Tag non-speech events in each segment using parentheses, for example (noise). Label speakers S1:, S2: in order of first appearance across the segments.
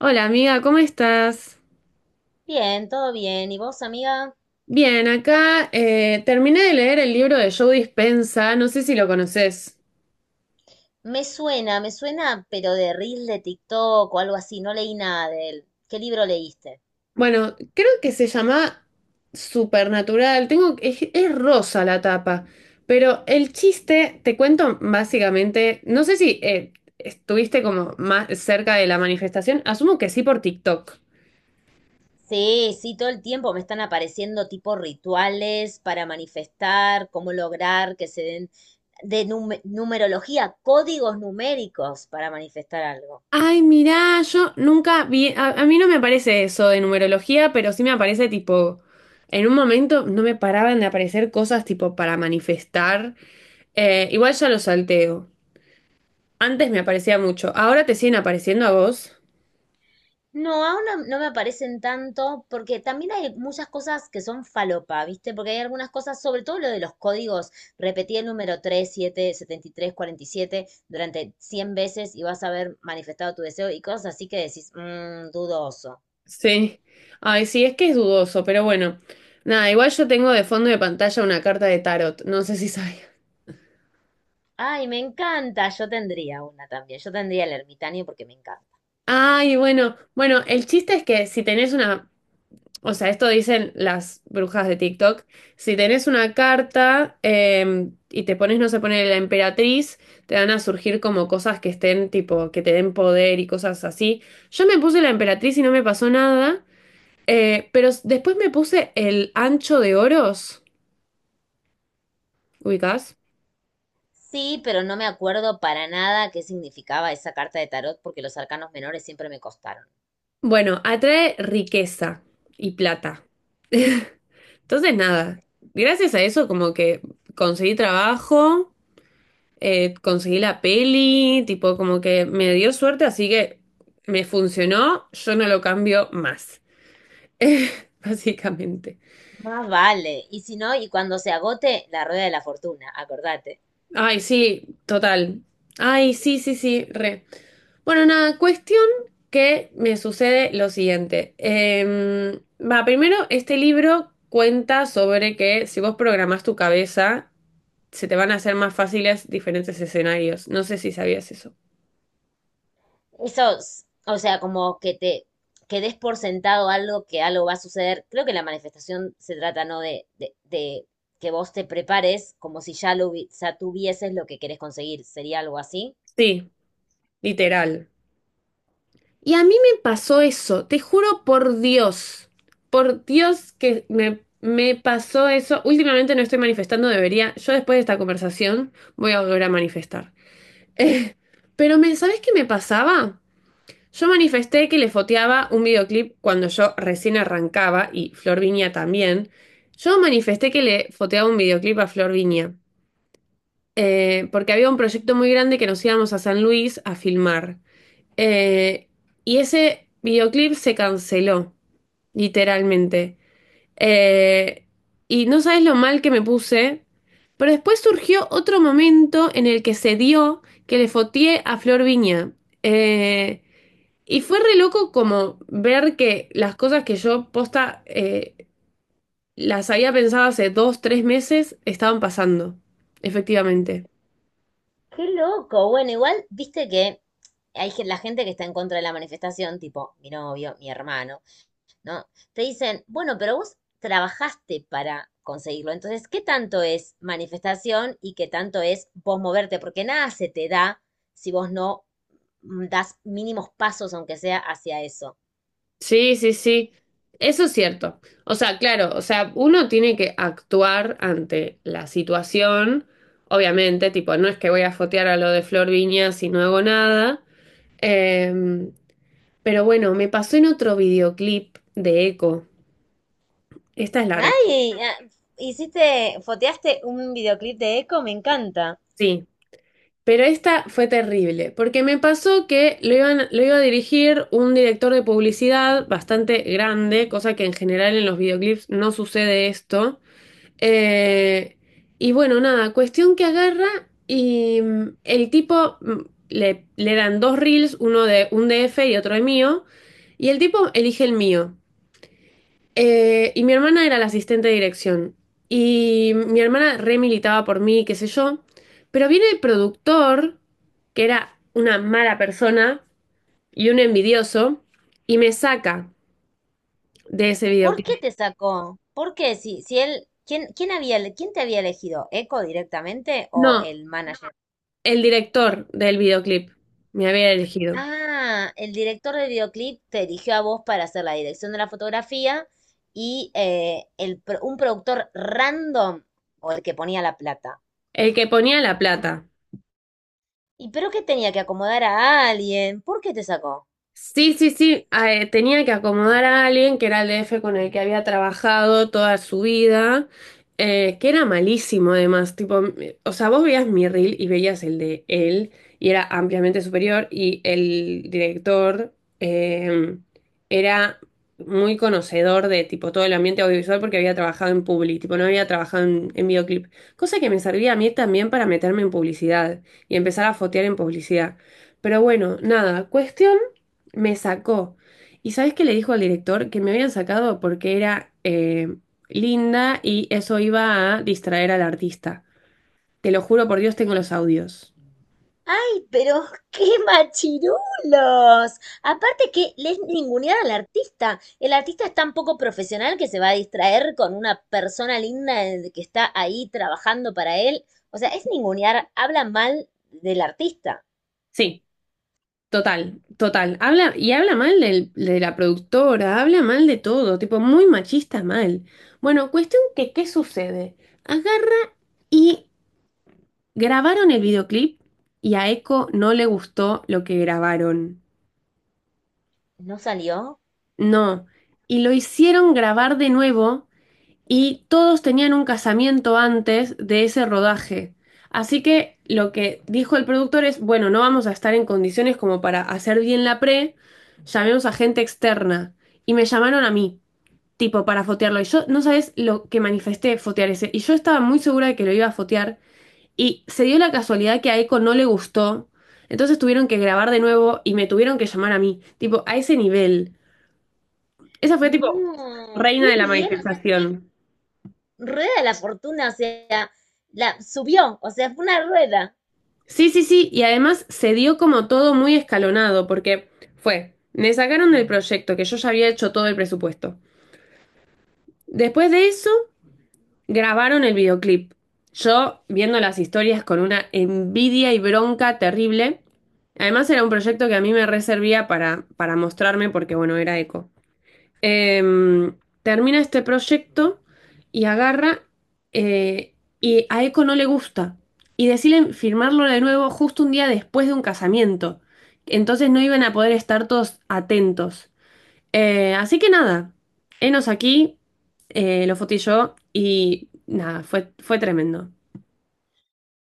S1: Hola amiga, ¿cómo estás?
S2: Bien, todo bien. ¿Y vos, amiga?
S1: Bien, acá terminé de leer el libro de Joe Dispensa, no sé si lo conoces.
S2: Me suena, pero de Reels de TikTok o algo así. No leí nada de él. ¿Qué libro leíste?
S1: Bueno, creo que se llama Supernatural, tengo, es rosa la tapa, pero el chiste, te cuento básicamente, no sé si, estuviste como más cerca de la manifestación, asumo que sí por TikTok.
S2: Sí, sí, todo el tiempo me están apareciendo tipo rituales para manifestar, cómo lograr que se den de numerología, códigos numéricos para manifestar algo.
S1: Ay, mirá, yo nunca vi, a mí no me aparece eso de numerología, pero sí me aparece tipo, en un momento no me paraban de aparecer cosas tipo para manifestar. Igual ya lo salteo. Antes me aparecía mucho, ahora te siguen apareciendo a vos.
S2: No, aún no, no me aparecen tanto, porque también hay muchas cosas que son falopa, ¿viste? Porque hay algunas cosas, sobre todo lo de los códigos, repetí el número tres siete setenta y tres cuarenta y siete durante 100 veces y vas a haber manifestado tu deseo y cosas así que decís, dudoso.
S1: Sí. Ay, sí, es que es dudoso, pero bueno. Nada, igual yo tengo de fondo de pantalla una carta de tarot, no sé si sabía.
S2: Ay, me encanta, yo tendría una también, yo tendría el ermitaño porque me encanta.
S1: Ay, bueno, bueno, el chiste es que si tenés una. O sea, esto dicen las brujas de TikTok. Si tenés una carta y te pones, no, se pone la emperatriz, te van a surgir como cosas que estén, tipo, que te den poder y cosas así. Yo me puse la emperatriz y no me pasó nada, pero después me puse el ancho de oros, ubicás.
S2: Sí, pero no me acuerdo para nada qué significaba esa carta de tarot porque los arcanos menores siempre me costaron.
S1: Bueno, atrae riqueza y plata. Entonces, nada, gracias a eso como que conseguí trabajo. Conseguí la peli, tipo como que me dio suerte, así que me funcionó, yo no lo cambio más, (laughs) básicamente.
S2: Más vale. Y si no, y cuando se agote, la rueda de la fortuna, acordate.
S1: Ay, sí, total. Ay, sí, sí, sí, re. Bueno, nada, cuestión que me sucede lo siguiente. Primero, este libro cuenta sobre que si vos programás tu cabeza, se te van a hacer más fáciles diferentes escenarios. No sé si sabías eso.
S2: Eso, o sea, como que te que des por sentado algo, que algo va a suceder. Creo que la manifestación se trata, ¿no? De que vos te prepares como si ya tuvieses lo que querés conseguir. Sería algo así.
S1: Sí, literal. Y a mí me pasó eso, te juro por Dios que me pasó eso. Últimamente no estoy manifestando, debería, yo después de esta conversación voy a volver a manifestar. (laughs) Eh, pero me, ¿sabes qué me pasaba? Yo manifesté que le foteaba un videoclip cuando yo recién arrancaba y Flor Viña también. Yo manifesté que le foteaba un videoclip a Flor Viña, porque había un proyecto muy grande que nos íbamos a San Luis a filmar. Eh, y ese videoclip se canceló, literalmente. Eh, y no sabes lo mal que me puse, pero después surgió otro momento en el que se dio que le fotié a Flor Viña. Eh, y fue re loco como ver que las cosas que yo posta las había pensado hace dos, tres meses estaban pasando, efectivamente.
S2: Qué loco. Bueno, igual, viste que hay la gente que está en contra de la manifestación, tipo mi novio, mi hermano. ¿No? Te dicen, bueno, pero vos trabajaste para conseguirlo. Entonces, ¿qué tanto es manifestación y qué tanto es vos moverte? Porque nada se te da si vos no das mínimos pasos, aunque sea hacia eso.
S1: Sí, sí, sí. Eso es cierto. O sea, claro, o sea, uno tiene que actuar ante la situación, obviamente, tipo, no es que voy a fotear a lo de Flor Viña si no hago nada. Em, pero bueno, me pasó en otro videoclip de Eco. Esta es larga,
S2: Ay, ah, hiciste, foteaste un videoclip de Eco, me encanta.
S1: sí. Pero esta fue terrible, porque me pasó que lo iban, lo iba a dirigir un director de publicidad bastante grande, cosa que en general en los videoclips no sucede esto. Eh, y bueno, nada, cuestión que agarra y el tipo le dan dos reels, uno de un DF y otro de mío, y el tipo elige el mío. Y mi hermana era la asistente de dirección. Y mi hermana re militaba por mí, qué sé yo. Pero viene el productor, que era una mala persona y un envidioso, y me saca de ese
S2: ¿Por qué
S1: videoclip.
S2: te sacó? ¿Por qué? Si, si él, ¿quién, quién había, quién te había elegido? ¿Eco directamente o
S1: No,
S2: el manager?
S1: el director del videoclip me había elegido.
S2: Ah, el director del videoclip te eligió a vos para hacer la dirección de la fotografía y un productor random o el que ponía la plata.
S1: El que ponía la plata.
S2: ¿Y pero que tenía que acomodar a alguien? ¿Por qué te sacó?
S1: Sí, sí, sí, ah, tenía que acomodar a alguien que era el DF con el que había trabajado toda su vida, que era malísimo además, tipo, o sea, vos veías mi reel y veías el de él y era ampliamente superior y el director eh, era muy conocedor de tipo todo el ambiente audiovisual porque había trabajado en publi, tipo no había trabajado en videoclip, cosa que me servía a mí también para meterme en publicidad y empezar a fotear en publicidad. Pero bueno, nada, cuestión. Me sacó. ¿Y sabes qué le dijo al director? Que me habían sacado porque era linda y eso iba a distraer al artista. Te lo juro por Dios, tengo los audios.
S2: ¡Ay, pero (laughs) qué machirulos! Aparte que les ningunear al artista. El artista es tan poco profesional que se va a distraer con una persona linda que está ahí trabajando para él. O sea, es ningunear, habla mal del artista.
S1: Sí, total, total. Habla, y habla mal del, de la productora, habla mal de todo, tipo muy machista mal. Bueno, cuestión que, ¿qué sucede? Agarra y grabaron el videoclip y a Eco no le gustó lo que grabaron.
S2: ¿No salió?
S1: No. Y lo hicieron grabar de nuevo. Y todos tenían un casamiento antes de ese rodaje. Así que lo que dijo el productor es, bueno, no vamos a estar en condiciones como para hacer bien la pre, llamemos a gente externa. Y me llamaron a mí, tipo, para fotearlo. Y yo, no sabes lo que manifesté fotear ese. Y yo estaba muy segura de que lo iba a fotear. Y se dio la casualidad que a Eco no le gustó. Entonces tuvieron que grabar de nuevo y me tuvieron que llamar a mí. Tipo, a ese nivel. Esa fue tipo
S2: No,
S1: reina
S2: qué
S1: de la
S2: bien, o sea, qué
S1: manifestación.
S2: rueda de la fortuna, o sea, la subió, o sea, fue una rueda.
S1: Sí, sí, sí, y además se dio como todo muy escalonado, porque fue, me sacaron del proyecto, que yo ya había hecho todo el presupuesto. Después de eso, grabaron el videoclip. Yo viendo las historias con una envidia y bronca terrible. Además era un proyecto que a mí me reservía para mostrarme porque, bueno, era eco. Em, Termina este proyecto y agarra eh, y a Eco no le gusta y deciden firmarlo de nuevo justo un día después de un casamiento. Entonces no iban a poder estar todos atentos. Así que nada, enos aquí, lo fotí yo y nada, fue, fue tremendo.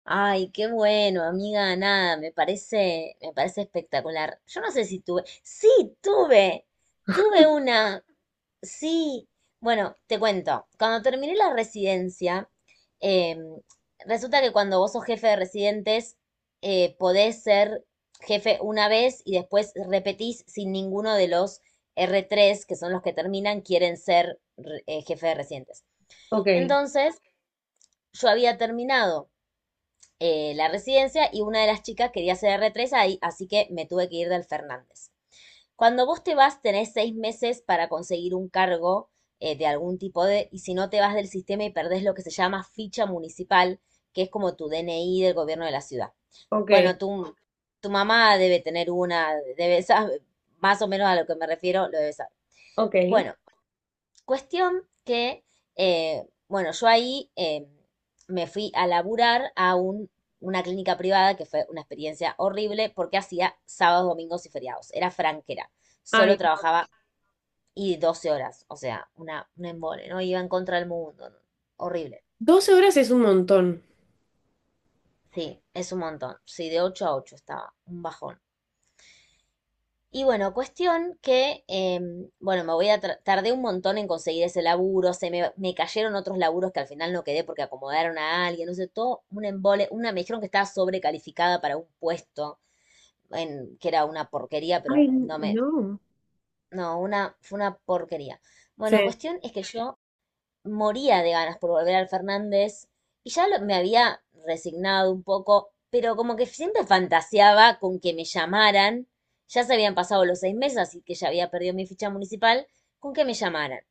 S2: Ay, qué bueno, amiga, nada, me parece espectacular. Yo no sé si tuve, sí, tuve, tuve una, sí, bueno, te cuento. Cuando terminé la residencia, em, resulta que cuando vos sos jefe de residentes, podés ser jefe una vez y después repetís si ninguno de los R3 que son los que terminan, quieren ser jefe de residentes.
S1: Ok,
S2: Entonces, yo había terminado la residencia y una de las chicas quería ser R3 ahí, así que me tuve que ir del Fernández. Cuando vos te vas, tenés 6 meses para conseguir un cargo de algún tipo de, y si no te vas del sistema y perdés lo que se llama ficha municipal, que es como tu DNI del gobierno de la ciudad.
S1: ok,
S2: Bueno, tu mamá debe tener una, debe saber, más o menos a lo que me refiero, lo debe saber.
S1: ok.
S2: Bueno, cuestión que, bueno, yo ahí me fui a laburar a una clínica privada que fue una experiencia horrible porque hacía sábados, domingos y feriados. Era franquera. Solo
S1: Ay,
S2: trabajaba y 12 horas. O sea, un embole, ¿no? Iba en contra del mundo. ¿No? Horrible.
S1: 12 horas es un montón.
S2: Sí, es un montón. Sí, de 8 a 8 estaba. Un bajón. Y bueno, cuestión que, bueno, me voy a tra- tardé un montón en conseguir ese laburo, se me cayeron otros laburos que al final no quedé porque acomodaron a alguien, no sé, todo un embole, una me dijeron que estaba sobrecalificada para un puesto, en, que era una porquería, pero
S1: Ay,
S2: no me,
S1: no.
S2: no, una, fue una porquería. Bueno,
S1: Sí.
S2: cuestión es que yo moría de ganas por volver al Fernández y me había resignado un poco, pero como que siempre fantaseaba con que me llamaran, ya se habían pasado los 6 meses, así que ya había perdido mi ficha municipal, con que me llamaran.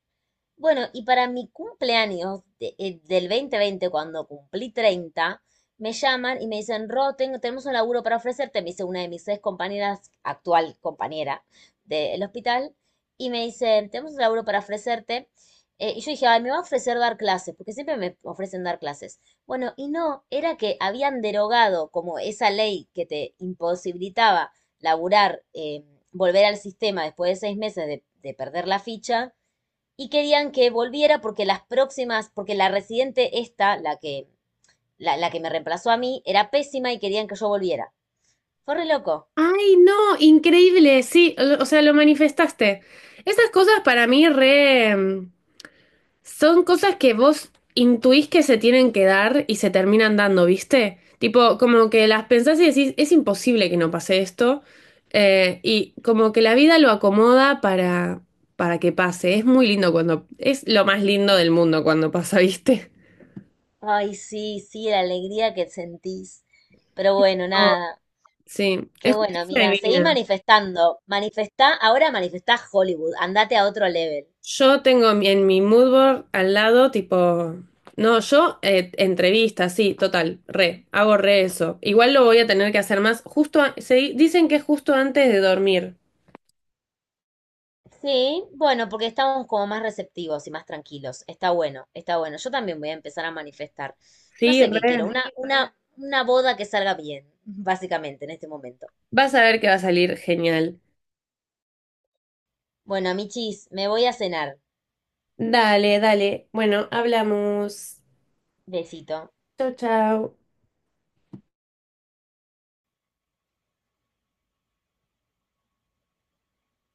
S2: Bueno, y para mi cumpleaños del 2020, cuando cumplí 30, me llaman y me dicen, Ro, tenemos un laburo para ofrecerte, me dice una de mis ex compañeras, actual compañera del hospital, y me dicen, tenemos un laburo para ofrecerte. Y yo dije, ay, me va a ofrecer dar clases, porque siempre me ofrecen dar clases. Bueno, y no, era que habían derogado como esa ley que te imposibilitaba laburar, volver al sistema después de 6 meses de perder la ficha y querían que volviera porque las próximas, porque la residente esta, la que, la que me reemplazó a mí, era pésima y querían que yo volviera. Fue re loco.
S1: Ay, no, increíble, sí, lo, o sea, lo manifestaste. Esas cosas para mí re son cosas que vos intuís que se tienen que dar y se terminan dando, ¿viste? Tipo, como que las pensás y decís, es imposible que no pase esto. Y como que la vida lo acomoda para que pase. Es muy lindo cuando, es lo más lindo del mundo cuando pasa, (laughs) ¿viste?
S2: Ay, sí, sí, la alegría que sentís. Pero bueno,
S1: Oh,
S2: nada.
S1: sí,
S2: Qué
S1: es
S2: bueno,
S1: justicia
S2: amiga. Seguí
S1: divina.
S2: manifestando. Manifestá, ahora manifestá Hollywood. Andate a otro level.
S1: Yo tengo mi, en mi mood board al lado, tipo, no, yo entrevista, sí, total, re, hago re eso. Igual lo voy a tener que hacer más, justo, dicen que es justo antes de dormir.
S2: Sí, bueno, porque estamos como más receptivos y más tranquilos. Está bueno, está bueno. Yo también voy a empezar a manifestar. No
S1: Sí,
S2: sé qué quiero,
S1: re.
S2: una boda que salga bien, básicamente, en este momento.
S1: Vas a ver que va a salir genial.
S2: Bueno, michis, me voy a cenar.
S1: Dale, dale. Bueno, hablamos.
S2: Besito.
S1: Chau, chau.